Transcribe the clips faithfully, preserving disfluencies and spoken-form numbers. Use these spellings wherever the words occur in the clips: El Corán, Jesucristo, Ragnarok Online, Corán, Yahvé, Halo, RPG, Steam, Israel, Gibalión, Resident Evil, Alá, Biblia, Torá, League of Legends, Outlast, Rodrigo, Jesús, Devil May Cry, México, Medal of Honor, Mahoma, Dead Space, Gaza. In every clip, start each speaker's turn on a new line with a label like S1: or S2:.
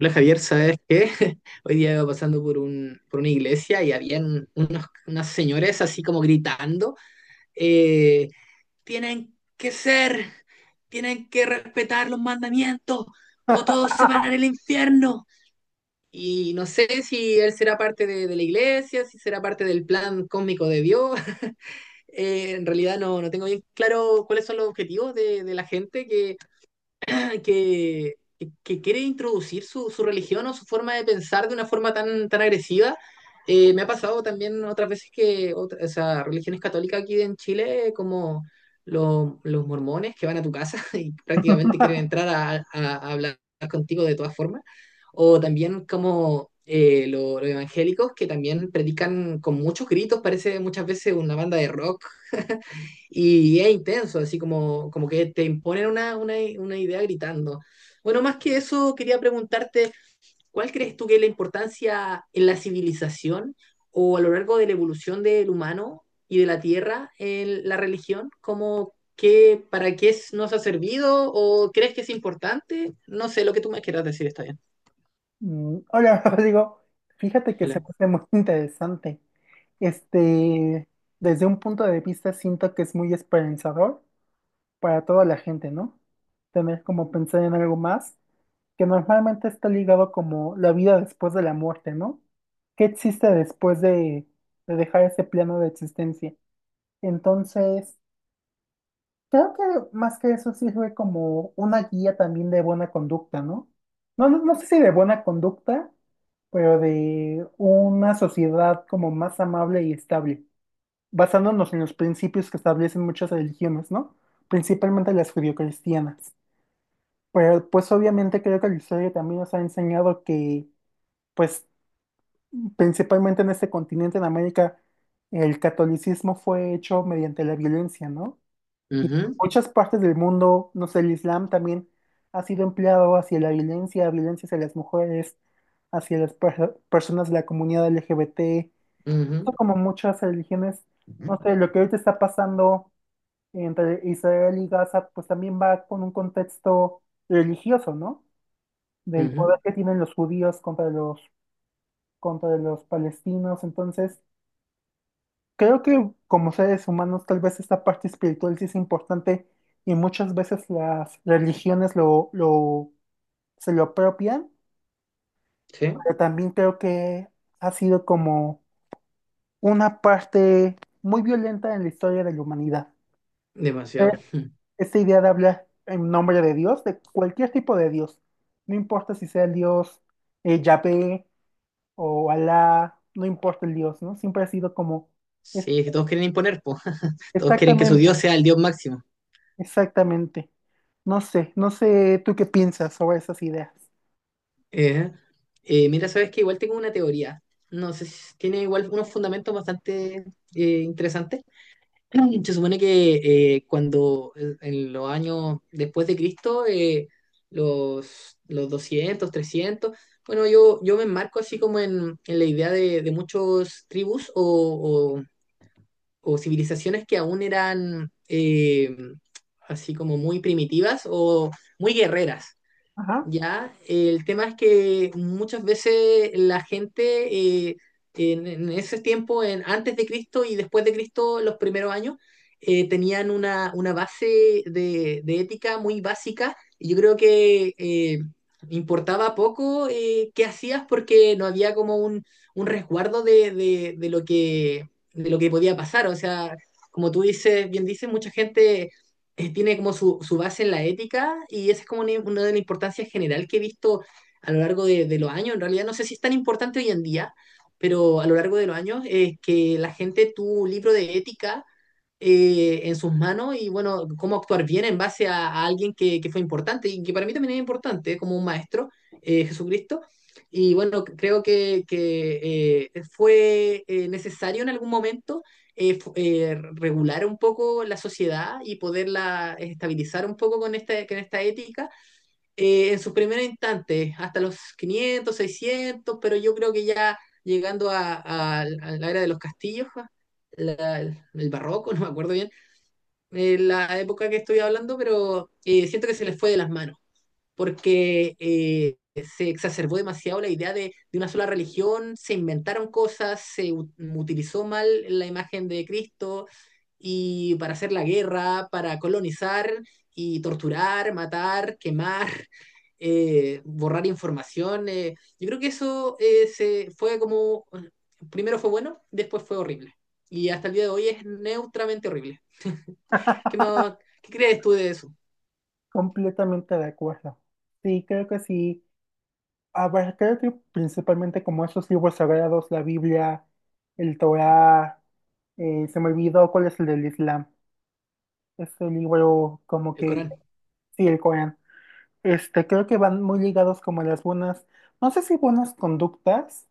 S1: Hola Javier, ¿sabes qué? Hoy día iba pasando por, un, por una iglesia y habían unos, unas señores así como gritando, eh, tienen que ser, tienen que respetar los mandamientos o todos se van al infierno. Y no sé si él será parte de, de la iglesia, si será parte del plan cósmico de Dios. Eh, en realidad no, no tengo bien claro cuáles son los objetivos de, de la gente que, que quiere introducir su, su, religión o su forma de pensar de una forma tan, tan agresiva. Eh, me ha pasado también otras veces que, otra- o sea, religiones católicas aquí en Chile, como lo- los mormones que van a tu casa y prácticamente quieren entrar a, a- a hablar contigo de todas formas, o también como eh, lo- los evangélicos que también predican con muchos gritos, parece muchas veces una banda de rock y es intenso, así como, como que te imponen una, una, una idea gritando. Bueno, más que eso, quería preguntarte, ¿cuál crees tú que es la importancia en la civilización o a lo largo de la evolución del humano y de la tierra en la religión? ¿Cómo, qué, para qué es- nos ha servido o crees que es importante? No sé, lo que tú me quieras decir está bien.
S2: Mm, hola, Rodrigo. Fíjate que se
S1: Hola.
S2: me hace muy interesante. Este, Desde un punto de vista, siento que es muy esperanzador para toda la gente, ¿no? Tener como pensar en algo más, que normalmente está ligado como la vida después de la muerte, ¿no? ¿Qué existe después de, de dejar ese plano de existencia? Entonces, creo que más que eso sirve como una guía también de buena conducta, ¿no? No, no, no sé si de buena conducta, pero de una sociedad como más amable y estable, basándonos en los principios que establecen muchas religiones, ¿no? Principalmente las judio-cristianas. Pero pues obviamente creo que la historia también nos ha enseñado que, pues principalmente en este continente, en América, el catolicismo fue hecho mediante la violencia, ¿no? Y en
S1: Ujú,
S2: muchas partes del mundo, no sé, el Islam también ha sido empleado hacia la violencia, violencia hacia las mujeres, hacia las per- personas de la comunidad L G B T.
S1: ujú,
S2: Son como muchas religiones, no sé, lo que ahorita está pasando entre Israel y Gaza, pues también va con un contexto religioso, ¿no? Del
S1: ujú.
S2: poder que tienen los judíos contra los, contra los palestinos. Entonces, creo que como seres humanos tal vez esta parte espiritual sí es importante y muchas veces las religiones lo, lo, se lo apropian,
S1: Sí,
S2: pero también creo que ha sido como una parte muy violenta en la historia de la humanidad. Eh,
S1: demasiado.
S2: Esta idea de hablar en nombre de Dios, de cualquier tipo de Dios, no importa si sea el Dios eh, Yahvé o Alá, no importa el Dios, ¿no? Siempre ha sido como... es-
S1: Sí, es que todos quieren imponer, po. Todos quieren que su Dios
S2: Exactamente,
S1: sea el Dios máximo.
S2: exactamente. No sé, no sé tú qué piensas sobre esas ideas.
S1: Eh, eh, Mira, sabes que igual tengo una teoría. No sé si tiene igual unos fundamentos bastante eh, interesantes. Se supone que eh, cuando eh, en los años después de Cristo, eh, los, los doscientos trescientos bueno, yo, yo me enmarco así como en, en la idea de, de muchos tribus o, o- o civilizaciones que aún eran eh, así como muy primitivas o muy guerreras.
S2: Ajá,
S1: Ya, el tema es que muchas veces la gente eh, en, en ese tiempo, en, antes de Cristo y después de Cristo, los primeros años, eh, tenían una, una base de, de ética muy básica y yo creo que eh, importaba poco eh, qué hacías porque no había como un, un resguardo de, de, de lo que, de lo que podía pasar. O sea, como tú dices, bien dices, mucha gente eh, tiene como su, su base en la ética y esa es como una, una de las importancias general que he visto a lo largo de, de los años. En realidad no sé si es tan importante hoy en día, pero a lo largo de los años es que la gente tuvo un libro de ética eh, en sus manos y bueno, cómo actuar bien en base a, a alguien que, que fue importante y que para mí también es importante como un maestro, eh, Jesucristo. Y bueno, creo que, que eh, fue eh, necesario en algún momento eh, fu- eh, regular un poco la sociedad y poderla estabilizar un poco con esta, con esta ética eh, en sus primeros instantes, hasta los quinientos, seiscientos, pero yo creo que ya llegando a, a- a la era de los castillos, ja, la- el barroco, no me acuerdo bien, eh, la época que estoy hablando, pero eh, siento que se les fue de las manos porque eh, se exacerbó demasiado la idea de, de, una sola religión, se inventaron cosas, se u- utilizó mal la imagen de Cristo y para hacer la guerra, para colonizar y torturar, matar, quemar, eh, borrar información. Eh. Yo creo que eso eh, se fue como, primero fue bueno, después fue horrible. Y hasta el día de hoy es neutramente horrible. ¿Qué más, qué crees tú de eso?
S2: completamente de acuerdo. Sí, creo que sí. A ver, creo que principalmente como esos libros sagrados, la Biblia, el Torá, eh, se me olvidó cuál es el del Islam. Este libro como
S1: El
S2: que,
S1: Corán.
S2: sí, el Corán. Este, creo que van muy ligados como a las buenas, no sé si buenas conductas,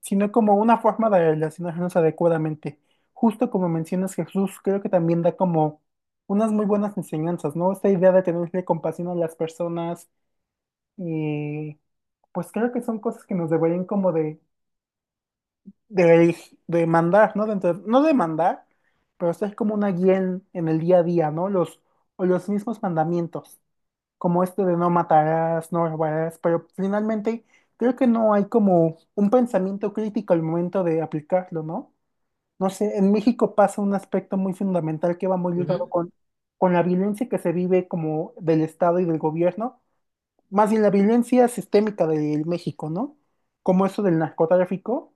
S2: sino como una forma de relacionarnos adecuadamente. Justo como mencionas Jesús, creo que también da como unas muy buenas enseñanzas, ¿no? Esta idea de tenerle compasión a las personas y pues creo que son cosas que nos deberían como de, de, de mandar, ¿no? Dentro, no de mandar, pero ser como una guía en, en el día a día, ¿no? Los, o los mismos mandamientos, como este de no matarás, no robarás, pero finalmente creo que no hay como un pensamiento crítico al momento de aplicarlo, ¿no? No sé, en México pasa un aspecto muy fundamental que va muy ligado
S1: Ujú.
S2: con, con la violencia que se vive como del Estado y del gobierno, más bien la violencia sistémica del México, ¿no? Como eso del narcotráfico.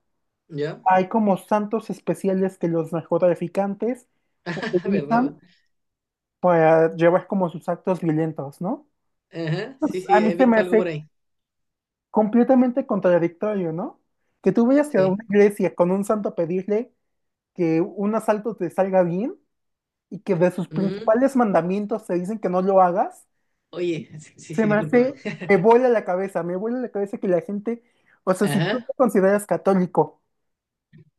S1: ¿Ya?
S2: Hay como santos especiales que los narcotraficantes
S1: ¿Verdad, po?
S2: utilizan para llevar como sus actos violentos, ¿no?
S1: Ajá, sí,
S2: Pues,
S1: sí,
S2: a mí
S1: he
S2: se me
S1: visto algo por
S2: hace
S1: ahí.
S2: completamente contradictorio, ¿no? Que tú vayas a
S1: Sí.
S2: una iglesia con un santo a pedirle que un asalto te salga bien y que de sus
S1: Ujú.
S2: principales mandamientos se dicen que no lo hagas,
S1: Oye, sí,
S2: se
S1: sí,
S2: me
S1: discúlpame.
S2: hace, me vuela la cabeza, me vuela la cabeza que la gente, o sea, si tú
S1: Ajá.
S2: te consideras católico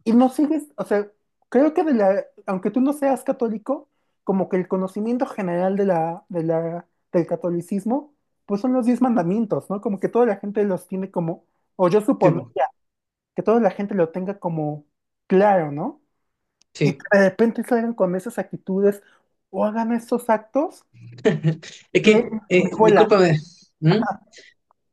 S2: y no sigues, o sea, creo que de la, aunque tú no seas católico, como que el conocimiento general de la, de la, del catolicismo, pues son los diez mandamientos, ¿no? Como que toda la gente los tiene como, o yo
S1: Sí,
S2: suponía
S1: po,
S2: que toda la gente lo tenga como claro, ¿no? Y
S1: sí.
S2: que de repente salgan con esas actitudes o hagan estos actos.
S1: Es
S2: Me,
S1: que,
S2: me
S1: eh,
S2: vuela,
S1: discúlpame. ¿Mm?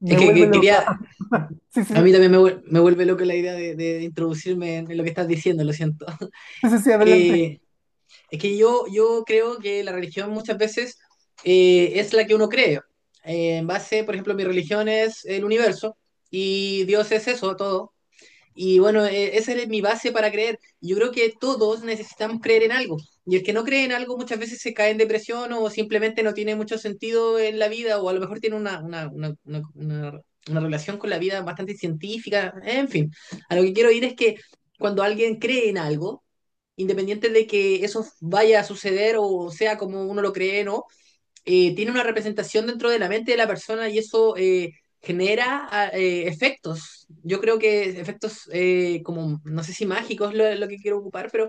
S2: Me
S1: Es que,
S2: vuelve
S1: que
S2: loca.
S1: quería.
S2: Sí, sí,
S1: A
S2: sí,
S1: mí también me, vuel- me vuelve loco la idea de, de introducirme en lo que estás diciendo, lo siento.
S2: sí, sí, sí, adelante.
S1: Eh, es que yo, yo creo que la religión muchas veces eh, es la que uno cree. Eh, en base, por ejemplo, mi religión es el universo y Dios es eso, todo. Y bueno, eh, esa es mi base para creer. Yo creo que todos necesitamos creer en algo. Y el que no cree en algo muchas veces se cae en depresión o simplemente no tiene mucho sentido en la vida o a lo mejor tiene una, una, una, una, una una relación con la vida bastante científica. En fin, a lo que quiero ir es que cuando alguien cree en algo, independiente de que eso vaya a suceder o sea como uno lo cree, o ¿no? eh, tiene una representación dentro de la mente de la persona y eso eh, genera ah, eh, efectos. Yo creo que efectos eh, como, no sé si mágicos es lo, lo que quiero ocupar, pero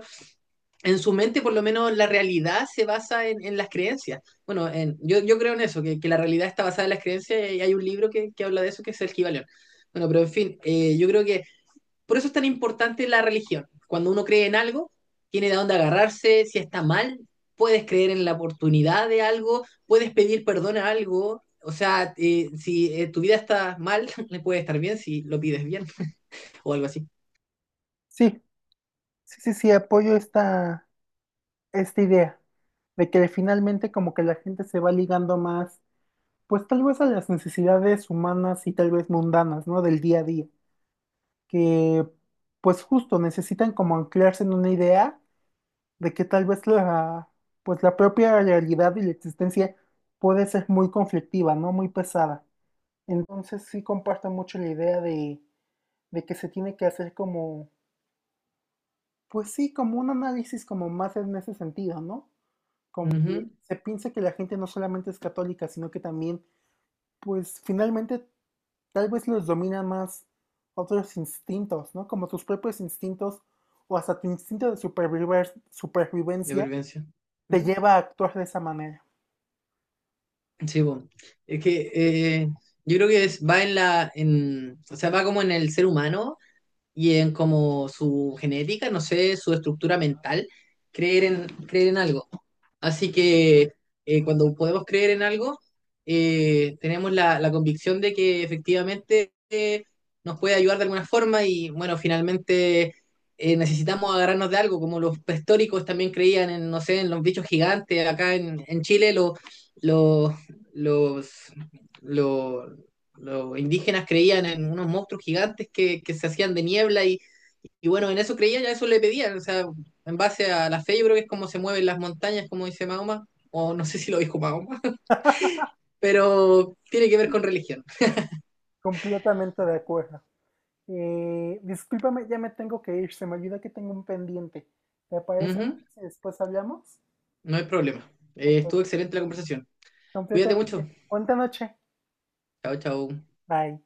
S1: en su mente por lo menos la realidad se basa en, en las creencias. Bueno, en, yo, yo creo en eso, que, que la realidad está basada en las creencias y hay un libro que, que habla de eso que es el Gibalión. Bueno, pero en fin, eh, yo creo que por eso es tan importante la religión. Cuando uno cree en algo, tiene de dónde agarrarse, si está mal, puedes creer en la oportunidad de algo, puedes pedir perdón a algo, o sea, eh, si eh, tu vida está mal, le puede estar bien si lo pides bien o algo así.
S2: Sí, sí, sí, sí, apoyo esta, esta idea de que finalmente como que la gente se va ligando más, pues tal vez a las necesidades humanas y tal vez mundanas, ¿no? Del día a día, que pues justo necesitan como anclarse en una idea de que tal vez la, pues la propia realidad y la existencia puede ser muy conflictiva, ¿no? Muy pesada. Entonces sí comparto mucho la idea de de que se tiene que hacer como, pues sí, como un análisis como más en ese sentido, ¿no? Como que
S1: Ujú.
S2: se piensa que la gente no solamente es católica, sino que también, pues finalmente tal vez los domina más otros instintos, ¿no? Como tus propios instintos o hasta tu instinto de superviv
S1: De
S2: supervivencia
S1: prevención.
S2: te
S1: ¿Mm?
S2: lleva a actuar de esa manera.
S1: Sí, bueno. Es que eh, yo creo que es- va en la, en, o sea, va como en el ser humano y en como su genética, no sé, su estructura mental, creer en, creer en algo. Así que eh, cuando podemos creer en algo, eh, tenemos la, la convicción de que efectivamente eh, nos puede ayudar de alguna forma y bueno, finalmente eh, necesitamos agarrarnos de algo, como los prehistóricos también creían en, no sé, en los bichos gigantes, acá en, en Chile los, los, los, lo- los indígenas creían en unos monstruos gigantes que, que se hacían de niebla y, y, bueno, en eso creían, ya eso le pedían, o sea, en base a la fe yo creo que es como se mueven las montañas, como dice Mahoma, o no sé si lo dijo Mahoma, pero tiene que ver con religión.
S2: Completamente de acuerdo. Eh, discúlpame, ya me tengo que ir, se me olvida que tengo un pendiente. ¿Te
S1: Uh
S2: parece?
S1: -huh,
S2: Si después hablamos.
S1: no hay problema. Eh,
S2: Okay.
S1: estuvo excelente la conversación. Cuídate mucho.
S2: Completamente. Buena noche.
S1: Chao, chao.
S2: Bye.